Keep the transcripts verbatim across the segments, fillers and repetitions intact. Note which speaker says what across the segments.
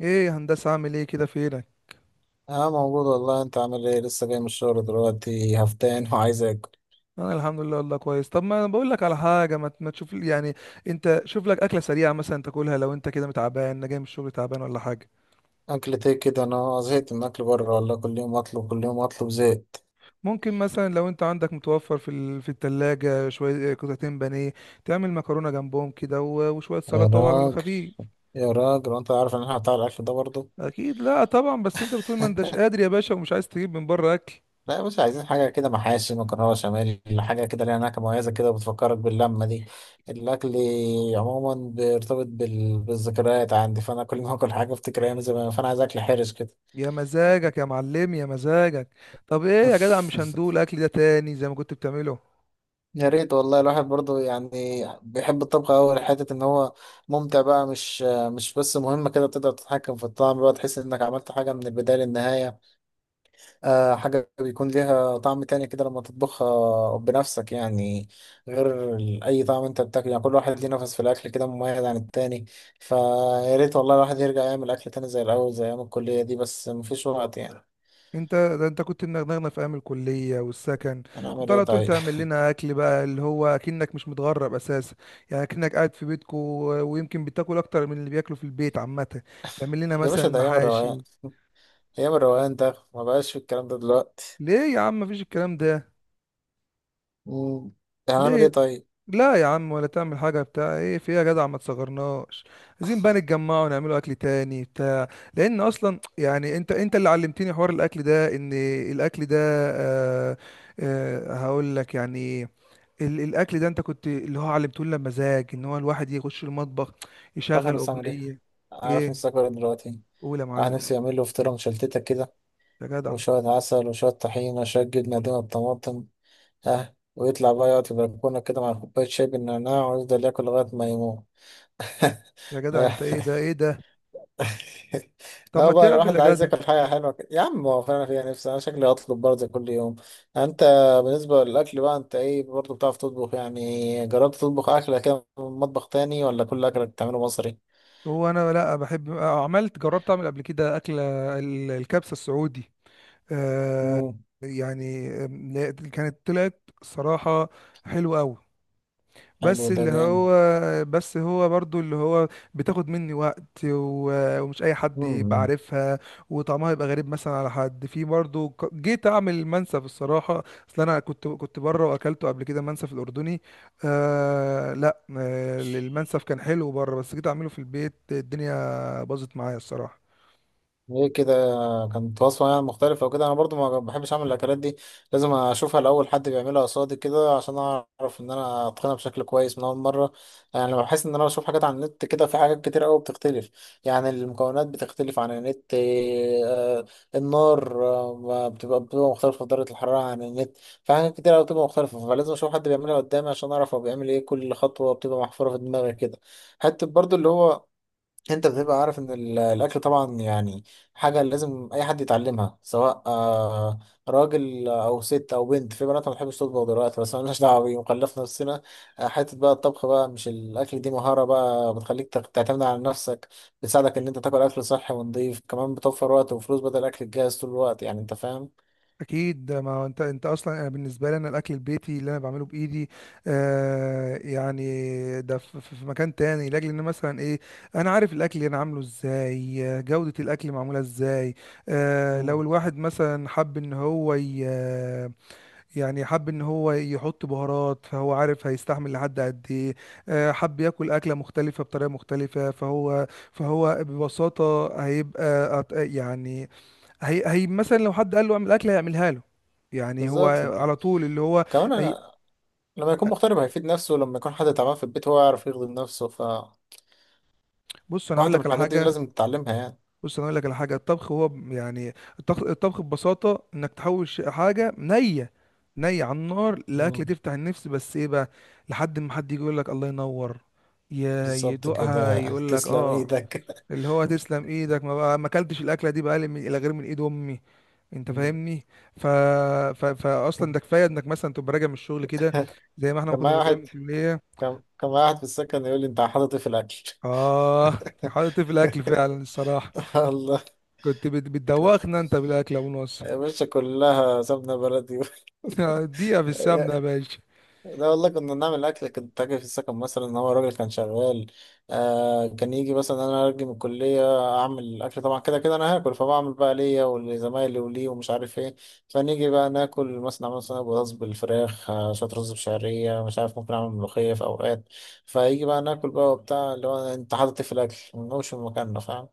Speaker 1: ايه يا هندسه، عامل ايه كده؟ فينك؟
Speaker 2: اه، موجود والله. انت عامل ايه؟ لسه جاي من الشغل دلوقتي، هفتان وعايز اكل.
Speaker 1: انا الحمد لله والله كويس. طب ما انا بقول لك على حاجه، ما ت- ما تشوف لي- يعني انت شوف لك اكله سريعه مثلا تاكلها، لو انت كده متعبان. أنا جاي من الشغل تعبان ولا حاجه.
Speaker 2: اكلة ايه كده؟ انا زهقت من اكل بره والله، كل يوم اطلب كل يوم اطلب، زهقت.
Speaker 1: ممكن مثلا لو انت عندك متوفر في ال... في التلاجة شويه، قطعتين بانيه تعمل مكرونه جنبهم كده و... وشويه
Speaker 2: يا
Speaker 1: سلطه، وعلى
Speaker 2: راجل،
Speaker 1: الخفيف.
Speaker 2: يا راجل وانت عارف ان احنا بتاع الاكل ده برضه.
Speaker 1: اكيد لا طبعا، بس انت بتقول ما انتش قادر يا باشا، ومش عايز تجيب من بره اكل.
Speaker 2: لا يا باشا، عايزين حاجة كده، محاشي، مكرونة بشاميل، حاجة كده ليها نكهة مميزة كده، بتفكرك باللمة دي. الأكل عموما بيرتبط بال... بالذكريات عندي، فأنا كل ما أكل حاجة أفتكر أيام زمان، فأنا عايز أكل حرش كده.
Speaker 1: يا مزاجك يا معلم، يا مزاجك. طب ايه يا جدع، مش هندول الاكل ده تاني زي ما كنت بتعمله؟
Speaker 2: يا ريت والله. الواحد برضه يعني بيحب الطبخ أوي لحتة إن هو ممتع بقى. مش مش بس مهمة كده، تقدر تتحكم في الطعم بقى، تحس إنك عملت حاجة من البداية للنهاية. آه، حاجة بيكون ليها طعم تاني كده لما تطبخها بنفسك يعني. غير ال- أي طعم أنت بتاكله، يعني كل واحد ليه نفس في الأكل كده مميز عن التاني. فيا ريت والله الواحد يرجع يعمل أكل تاني زي الأول، زي أيام الكلية دي، بس مفيش وقت يعني.
Speaker 1: انت ده انت كنت منغنغنا في ايام الكليه والسكن، كنت
Speaker 2: هنعمل إيه
Speaker 1: على طول
Speaker 2: طيب؟
Speaker 1: تعمل لنا اكل بقى، اللي هو اكنك مش متغرب اساسا. يعني اكنك قاعد في بيتكو، ويمكن بتاكل اكتر من اللي بياكلوا في البيت عامه. بتعمل لنا
Speaker 2: يا باشا،
Speaker 1: مثلا
Speaker 2: ده أيام الروقان،
Speaker 1: محاشي.
Speaker 2: أيام الروقان ده ما بقاش في الكلام ده دلوقتي.
Speaker 1: ليه يا عم مفيش الكلام ده؟
Speaker 2: مم. يعني هنعمل ايه
Speaker 1: ليه؟
Speaker 2: طيب؟
Speaker 1: لا يا عم، ولا تعمل حاجه بتاع ايه في ايه يا جدع، ما تصغرناش. عايزين بقى نتجمع ونعملوا اكل تاني بتاع، لان اصلا يعني انت انت اللي علمتني حوار الاكل ده، ان الاكل ده، آه. آه، هقول لك يعني، ال- الاكل ده انت كنت اللي هو علمته لنا مزاج، ان هو الواحد يخش المطبخ
Speaker 2: تعرف
Speaker 1: يشغل
Speaker 2: احنا نعمل ايه؟
Speaker 1: اغنيه.
Speaker 2: عارف نفسي
Speaker 1: ايه؟
Speaker 2: اكل إيه دلوقتي؟
Speaker 1: قول يا
Speaker 2: الواحد
Speaker 1: معلم.
Speaker 2: نفسي يعمل له فطيرة مشلتتة كده،
Speaker 1: يا جدع،
Speaker 2: وشوية عسل وشوية طحينة، شوية جبنة قديمة بطماطم. اه، ويطلع بقى يقعد في البلكونة كده مع كوباية شاي بالنعناع ويفضل ياكل لغاية ما يموت.
Speaker 1: يا جدع، انت ايه ده؟ ايه ده؟ طب
Speaker 2: اه
Speaker 1: ما
Speaker 2: بقى،
Speaker 1: تعمل
Speaker 2: الواحد
Speaker 1: يا
Speaker 2: عايز
Speaker 1: جدع.
Speaker 2: ياكل حاجة حلوة كده يا عم، هو فعلا فيها نفسي، انا شكلي هطلب برضه كل يوم. يعني انت، بالنسبة للأكل بقى، انت ايه برضه؟ بتعرف تطبخ؟ يعني جربت تطبخ أكلة كده من مطبخ تاني ولا كل أكلك بتعمله مصري؟
Speaker 1: هو انا لا، بحب، عملت، جربت اعمل قبل كده اكله، ال- الكبسه السعودي، آه
Speaker 2: مم.
Speaker 1: يعني. آم، لا، كانت طلعت صراحه حلوه قوي.
Speaker 2: حلو
Speaker 1: بس
Speaker 2: ده
Speaker 1: اللي
Speaker 2: جامد.
Speaker 1: هو، بس هو برضو اللي هو بتاخد مني وقت و- ومش اي حد يبقى
Speaker 2: مم.
Speaker 1: عارفها، وطعمها يبقى غريب مثلا على حد. في برضو ك- جيت اعمل منسف الصراحه، اصل انا كنت كنت بره واكلته قبل كده، منسف الاردني. آه لا، آه المنسف كان حلو بره، بس جيت اعمله في البيت الدنيا باظت معايا الصراحه.
Speaker 2: ايه كده؟ كانت وصفة يعني مختلفة وكده. انا برضو ما بحبش اعمل الاكلات دي. لازم اشوفها الاول، حد بيعملها قصادي كده عشان اعرف ان انا اتقنها بشكل كويس من اول مرة. يعني لما بحس ان انا بشوف حاجات على النت كده، في حاجات كتير قوي بتختلف. يعني المكونات بتختلف عن النت. آه، النار آه، بتبقى بتبقى مختلفة درجة الحرارة عن النت. في حاجات كتير قوي بتبقى مختلفة، فلازم اشوف حد بيعملها قدامي عشان اعرف هو بيعمل ايه. كل خطوة بتبقى محفورة في دماغي كده. حتى برضو اللي هو، انت بتبقى عارف ان ال- الاكل طبعا يعني. حاجه لازم اي حد يتعلمها، سواء آه، راجل او ست او بنت، في بنات ما بتحبش تطبخ دلوقتي بس مالناش دعوه بيه وكلفنا نفسنا. آه، حته بقى الطبخ بقى، مش الاكل، دي مهاره بقى بتخليك تخ- تعتمد على نفسك. بتساعدك ان انت تاكل اكل صحي ونضيف، كمان بتوفر وقت وفلوس بدل الاكل الجاهز طول الوقت، يعني انت فاهم.
Speaker 1: اكيد، ما هو انت انت اصلا. انا بالنسبه لي، انا الاكل البيتي اللي انا بعمله بايدي، آه يعني، ده في, في في مكان تاني، لاجل ان مثلا ايه، انا عارف الاكل اللي انا عامله ازاي، آه، جوده الاكل معموله ازاي. آه
Speaker 2: مم.
Speaker 1: لو الواحد مثلا حب ان هو ي- آه، يعني حب ان هو يحط بهارات، فهو عارف هيستحمل لحد قد ايه. آه، حب ياكل اكله مختلفه بطريقه مختلفه، فهو فهو ببساطه هيبقى أط- يعني هي هي مثلا لو حد قال له اعمل اكل هيعملها له. يعني هو
Speaker 2: بالظبط.
Speaker 1: على طول اللي هو
Speaker 2: كمان
Speaker 1: هي.
Speaker 2: انا، لما يكون مغترب هيفيد نفسه، لما يكون حد تعبان في البيت هو يعرف يخدم نفسه، فواحده
Speaker 1: بص انا
Speaker 2: من
Speaker 1: اقول لك على
Speaker 2: الحاجات دي
Speaker 1: حاجه.
Speaker 2: لازم تتعلمها يعني.
Speaker 1: بص انا اقول لك على حاجه، الطبخ هو ب- يعني الطبخ, الطبخ ببساطه انك تحول ش- حاجه نيه، نيه على النار،
Speaker 2: مم.
Speaker 1: لاكله تفتح النفس. بس ايه بقى؟ لحد ما حد يجي يقول لك الله ينور، ي-
Speaker 2: بالظبط
Speaker 1: يدوقها
Speaker 2: كده.
Speaker 1: يقول لك
Speaker 2: تسلم
Speaker 1: اه،
Speaker 2: ايدك.
Speaker 1: اللي هو تسلم ايدك، ما بقى ما اكلتش الاكله دي بقى من الى غير من ايد امي. انت
Speaker 2: مم.
Speaker 1: فاهمني. ف... ف... فاصلا ده كفايه انك مثلا تبقى راجع من الشغل كده، زي ما احنا ما
Speaker 2: كان
Speaker 1: كنا
Speaker 2: معايا
Speaker 1: راجعين
Speaker 2: واحد.
Speaker 1: من الكليه.
Speaker 2: كان كان معايا واحد في السكن يقول لي، انت حاطط إيه في الاكل؟
Speaker 1: اه، حاطط في الاكل فعلا الصراحه.
Speaker 2: الله.
Speaker 1: كنت بت... بتدوخنا انت بالاكل يا ابو نصر.
Speaker 2: يا باشا، كلها سمنه بلدي.
Speaker 1: اديها في السمنه يا باشا.
Speaker 2: لا والله، كنا بنعمل اكل. كنت اجي في السكن مثلا، هو الراجل كان شغال. آه، كان يجي مثلا، انا ارجع من الكليه. اعمل اكل، طبعا كده كده انا هاكل، فبعمل بقى ليا ولزمايلي وليه ومش عارف ايه. فنيجي بقى ناكل مثلا، اعمل صينيه بطاطس بالفراخ، آه شويه رز بشعريه، مش عارف، ممكن اعمل ملوخيه في اوقات. فيجي بقى ناكل بقى وبتاع، اللي هو انت حاطط إيه في الاكل، ما نقومش من مكاننا، فاهم؟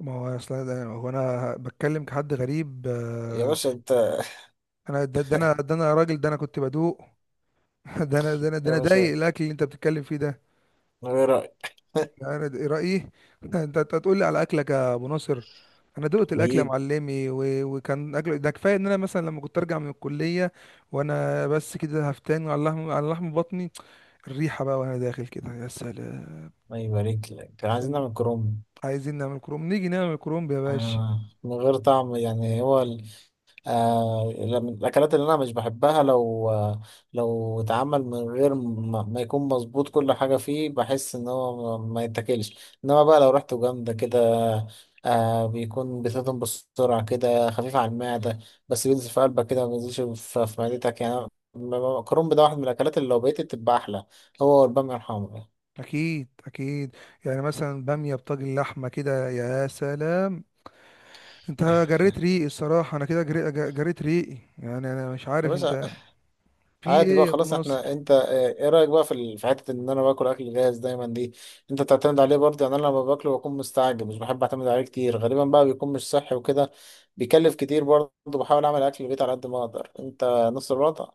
Speaker 1: ما هو اصلا ده- هو انا بتكلم كحد غريب.
Speaker 2: يا
Speaker 1: آه،
Speaker 2: باشا انت.
Speaker 1: انا ده, ده انا ده انا راجل، ده انا كنت بدوق. ده انا ده انا ده
Speaker 2: يا
Speaker 1: انا ضايق
Speaker 2: باشا،
Speaker 1: الاكل اللي انت بتتكلم فيه ده.
Speaker 2: من غير رايك.
Speaker 1: يعني ده رأيي. انت انت هتقول لي على اكلك يا ابو ناصر؟ انا دقت الاكل يا
Speaker 2: حبيب.
Speaker 1: معلمي، و... وكان اكل ده كفايه ان انا مثلا لما كنت ارجع من الكليه، وانا بس كده هفتان، على لحم، على لحم بطني، الريحه بقى وانا داخل كده، يا سلام.
Speaker 2: ما يبارك لك. كان عايزين
Speaker 1: سلام.
Speaker 2: نعمل كروم.
Speaker 1: عايزين نعمل كروم، نيجي نعمل كرومب يا باشا.
Speaker 2: آه، من غير طعم يعني هو. آه، من الأكلات اللي أنا مش بحبها لو آه، لو اتعمل من غير ما, ما يكون مظبوط كل حاجة فيه، بحس إن هو ما ما يتاكلش. إنما بقى لو ريحته جامدة كده. آه، بيكون بتهضم بسرعة كده، خفيف على المعدة. بس بينزل في قلبك كده، ما بينزلش في, في معدتك يعني. م- م- الكرنب ده واحد من الأكلات اللي لو بقيت تبقى أحلى، هو والبامية الحمرا.
Speaker 1: اكيد، اكيد. يعني مثلا باميه بطاجن لحمه كده، يا سلام. انت جريت ريقي الصراحه، انا كده جري... جريت ريقي، يعني انا مش
Speaker 2: يا
Speaker 1: عارف
Speaker 2: باشا،
Speaker 1: انت في
Speaker 2: عادي
Speaker 1: ايه
Speaker 2: بقى
Speaker 1: يا ابو
Speaker 2: خلاص. احنا
Speaker 1: ناصر.
Speaker 2: انت اه، ايه رايك بقى في ال- في حته ان انا باكل اكل جاهز دايما دي؟ انت تعتمد عليه برضه، يعني انا لما باكله بكون مستعجل، مش بحب اعتمد عليه كتير، غالبا بقى بيكون مش صحي وكده. بيكلف كتير برضه. بحاول اعمل اكل البيت على قد ما اقدر، انت نص الوضع.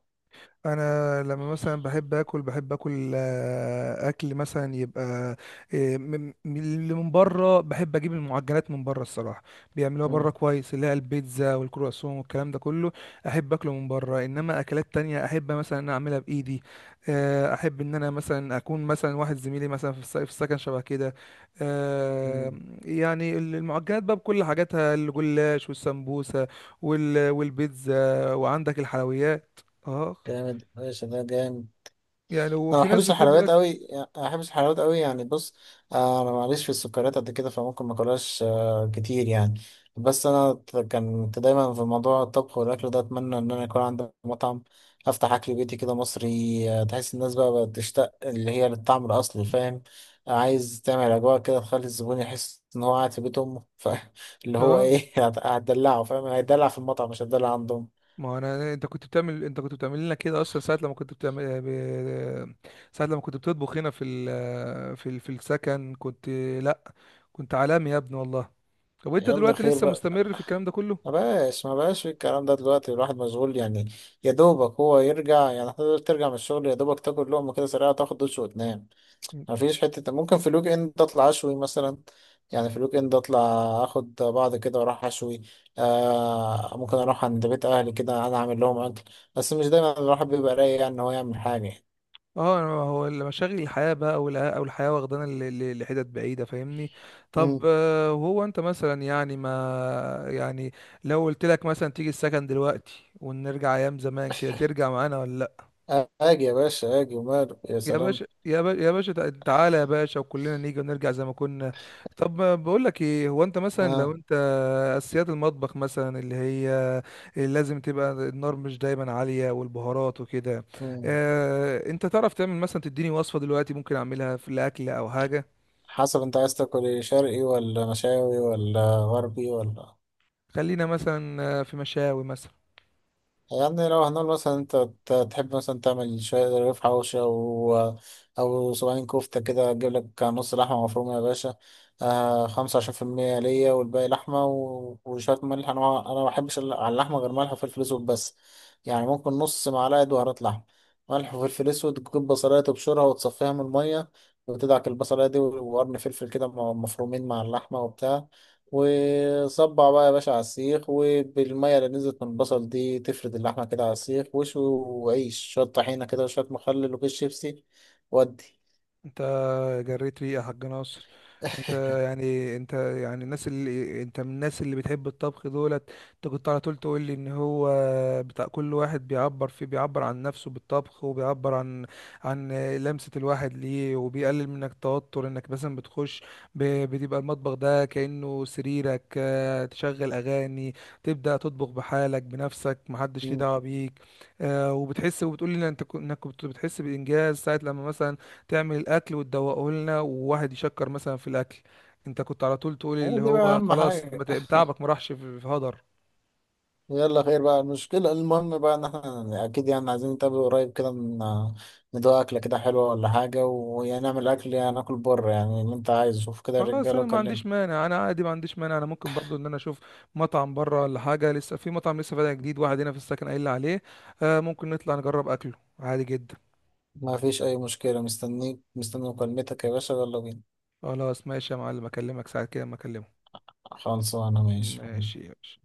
Speaker 1: انا لما مثلا بحب اكل، بحب اكل، آه، اكل مثلا يبقى، آه، من- من اللي من بره، بحب اجيب المعجنات من بره الصراحه، بيعملوها بره
Speaker 2: مم.
Speaker 1: كويس، اللي هي البيتزا والكرواسون والكلام ده كله. احب اكله من بره، انما اكلات تانية احب مثلا ان أنا اعملها بايدي. آه، احب ان انا مثلا اكون مثلا واحد زميلي، مثلا في الس- في السكن شبه كده، آه،
Speaker 2: مم.
Speaker 1: يعني ال- المعجنات بقى بكل حاجاتها، الجلاش والسمبوسه وال- والبيتزا، وعندك الحلويات، اه.
Speaker 2: جامد ماشي، ده جامد.
Speaker 1: يعني
Speaker 2: انا ما
Speaker 1: وفي ناس
Speaker 2: بحبش
Speaker 1: بتحب
Speaker 2: الحلويات
Speaker 1: لك.
Speaker 2: قوي يعني- ما بحبش الحلويات قوي يعني بص. آه، انا معليش في السكريات قد كده، فممكن ما اكلهاش آه، كتير يعني. بس انا ت- كنت دايما في موضوع الطبخ والاكل ده، اتمنى ان انا يكون عندي مطعم، افتح اكل بيتي كده مصري، آه، تحس الناس بقى بقت تشتاق اللي هي للطعم الاصلي، فاهم؟ آه، عايز تعمل اجواء كده تخلي الزبون يحس ان هو قاعد في بيت امه ف- اللي هو
Speaker 1: اه،
Speaker 2: ايه؟ هت- هتدلعه، فاهم؟ هيدلع في المطعم مش هتدلع عندهم.
Speaker 1: ما هو انا، انت كنت بتعمل انت كنت بتعمل لنا كده اصلا، ساعه لما كنت بتعمل ب... ساعه لما كنت بتطبخ هنا في ال... في ال... في السكن، كنت، لا، كنت عالمي يا ابني والله. طب وانت
Speaker 2: يلا
Speaker 1: دلوقتي
Speaker 2: خير
Speaker 1: لسه
Speaker 2: بقى.
Speaker 1: مستمر في الكلام ده كله؟
Speaker 2: ما بقاش ما بقاش في الكلام ده دلوقتي، الواحد مشغول يعني. يا دوبك هو يرجع يعني، حتى لو ترجع من الشغل يا دوبك تاكل لقمة كده سريعة، تاخد دش وتنام. ما فيش حتة، ممكن في الويك اند اطلع اشوي مثلا. يعني في الويك اند اطلع، اخد بعض كده واروح اشوي. آه، ممكن اروح عند بيت اهلي كده انا اعمل لهم اكل. بس مش دايما الواحد بيبقى رايق يعني ان هو يعمل حاجة.
Speaker 1: اه، أنا- هو مشاغل الحياه بقى والع- او الحياه واخدانا ل- ل- لحتت بعيده، فاهمني. طب
Speaker 2: امم.
Speaker 1: آه، وهو انت مثلا يعني ما، يعني لو قلت لك مثلا تيجي السكن دلوقتي، ونرجع ايام زمان كده، ترجع معانا ولا؟
Speaker 2: اجي يا باشا، اجي وماله، يا
Speaker 1: يا
Speaker 2: سلام.
Speaker 1: باشا، يا باشا، يا باشا، تع- تعالى يا باشا، وكلنا نيجي ونرجع زي ما كنا. طب ما بقول لك ايه، هو انت مثلا لو
Speaker 2: اه.
Speaker 1: انت اساسيات المطبخ مثلا اللي هي، اللي لازم تبقى النار مش دايما عالية، والبهارات وكده،
Speaker 2: مم.
Speaker 1: اه انت تعرف تعمل مثلا، تديني وصفة دلوقتي ممكن اعملها في الاكل او حاجة؟
Speaker 2: حسب انت عايز تاكل ايه، شرقي ولا مشاوي ولا غربي ولا؟
Speaker 1: خلينا مثلا آه، في مشاوي مثلا.
Speaker 2: يعني لو هنقول مثلا انت ت- تحب مثلا تعمل شوية رغيف حوشي، او او صباعين كفتة كده، تجيب لك نص لحمة مفرومة يا باشا. آه، خمسة وعشرين في المية ليا والباقي لحمة، و- وشوية ملح. انا ما- انا ما بحبش ال- على اللحمة غير ملح وفلفل اسود بس. يعني ممكن نص معلقة بهارات لحمة، ملح وفلفل اسود. تجيب بصلاية تبشرها وتصفيها من المية، وتدعك البصلاية دي وقرن فلفل كده م- مفرومين مع اللحمة وبتاع. وصبع بقى يا باشا على السيخ، وبالمية اللي نزلت من البصل دي تفرد اللحمة كده على السيخ، وشوي وعيش شوية طحينة كده وشوية مخلل وكيس شيبسي. ودي.
Speaker 1: انت جريت ريقة يا حاج ناصر. انت يعني، انت يعني الناس اللي انت من الناس اللي بتحب الطبخ دولت، انت كنت على طول تقول لي ان هو بتاع، كل واحد بيعبر فيه، بيعبر عن نفسه بالطبخ، وبيعبر عن، عن لمسة الواحد ليه، وبيقلل منك التوتر، انك مثلا بتخش ب- بتبقى المطبخ ده كأنه سريرك، اه، تشغل اغاني، تبدأ تطبخ بحالك بنفسك، محدش ليه
Speaker 2: مم.
Speaker 1: دعوة بيك. اه، وبتحس، وبتقول لي انت كن- انك كنت بتحس بإنجاز ساعة لما مثلا تعمل الاكل وتدوقه لنا، وواحد يشكر مثلا في الاكل، انت كنت على طول تقول اللي
Speaker 2: هو دي بقى
Speaker 1: هو
Speaker 2: أهم
Speaker 1: خلاص، ما
Speaker 2: حاجة.
Speaker 1: ت- تعبك ما راحش في، في هدر.
Speaker 2: يلا خير بقى المشكلة، المهم بقى إن إحنا أكيد يعني عايزين نتقابل قريب كده، ن- ندوق أكلة كده حلوة ولا حاجة، ونعمل أكل يعني، ناكل بره يعني اللي أنت عايزه، شوف كده
Speaker 1: خلاص،
Speaker 2: الرجالة
Speaker 1: انا ما
Speaker 2: وكلمني.
Speaker 1: عنديش مانع، انا عادي ما عنديش مانع، انا ممكن برضو ان انا اشوف مطعم بره ولا حاجه، لسه في مطعم لسه فاتح جديد واحد هنا في السكن قايل لي عليه، آه ممكن نطلع نجرب اكله، عادي جدا.
Speaker 2: ما فيش أي مشكلة، مستنيك مستني مكالمتك يا باشا، يلا بينا.
Speaker 1: خلاص ماشي يا معلم، اكلمك ساعه كده ما اكلمه.
Speaker 2: خلصانة ماشي.
Speaker 1: ماشي، ماشي.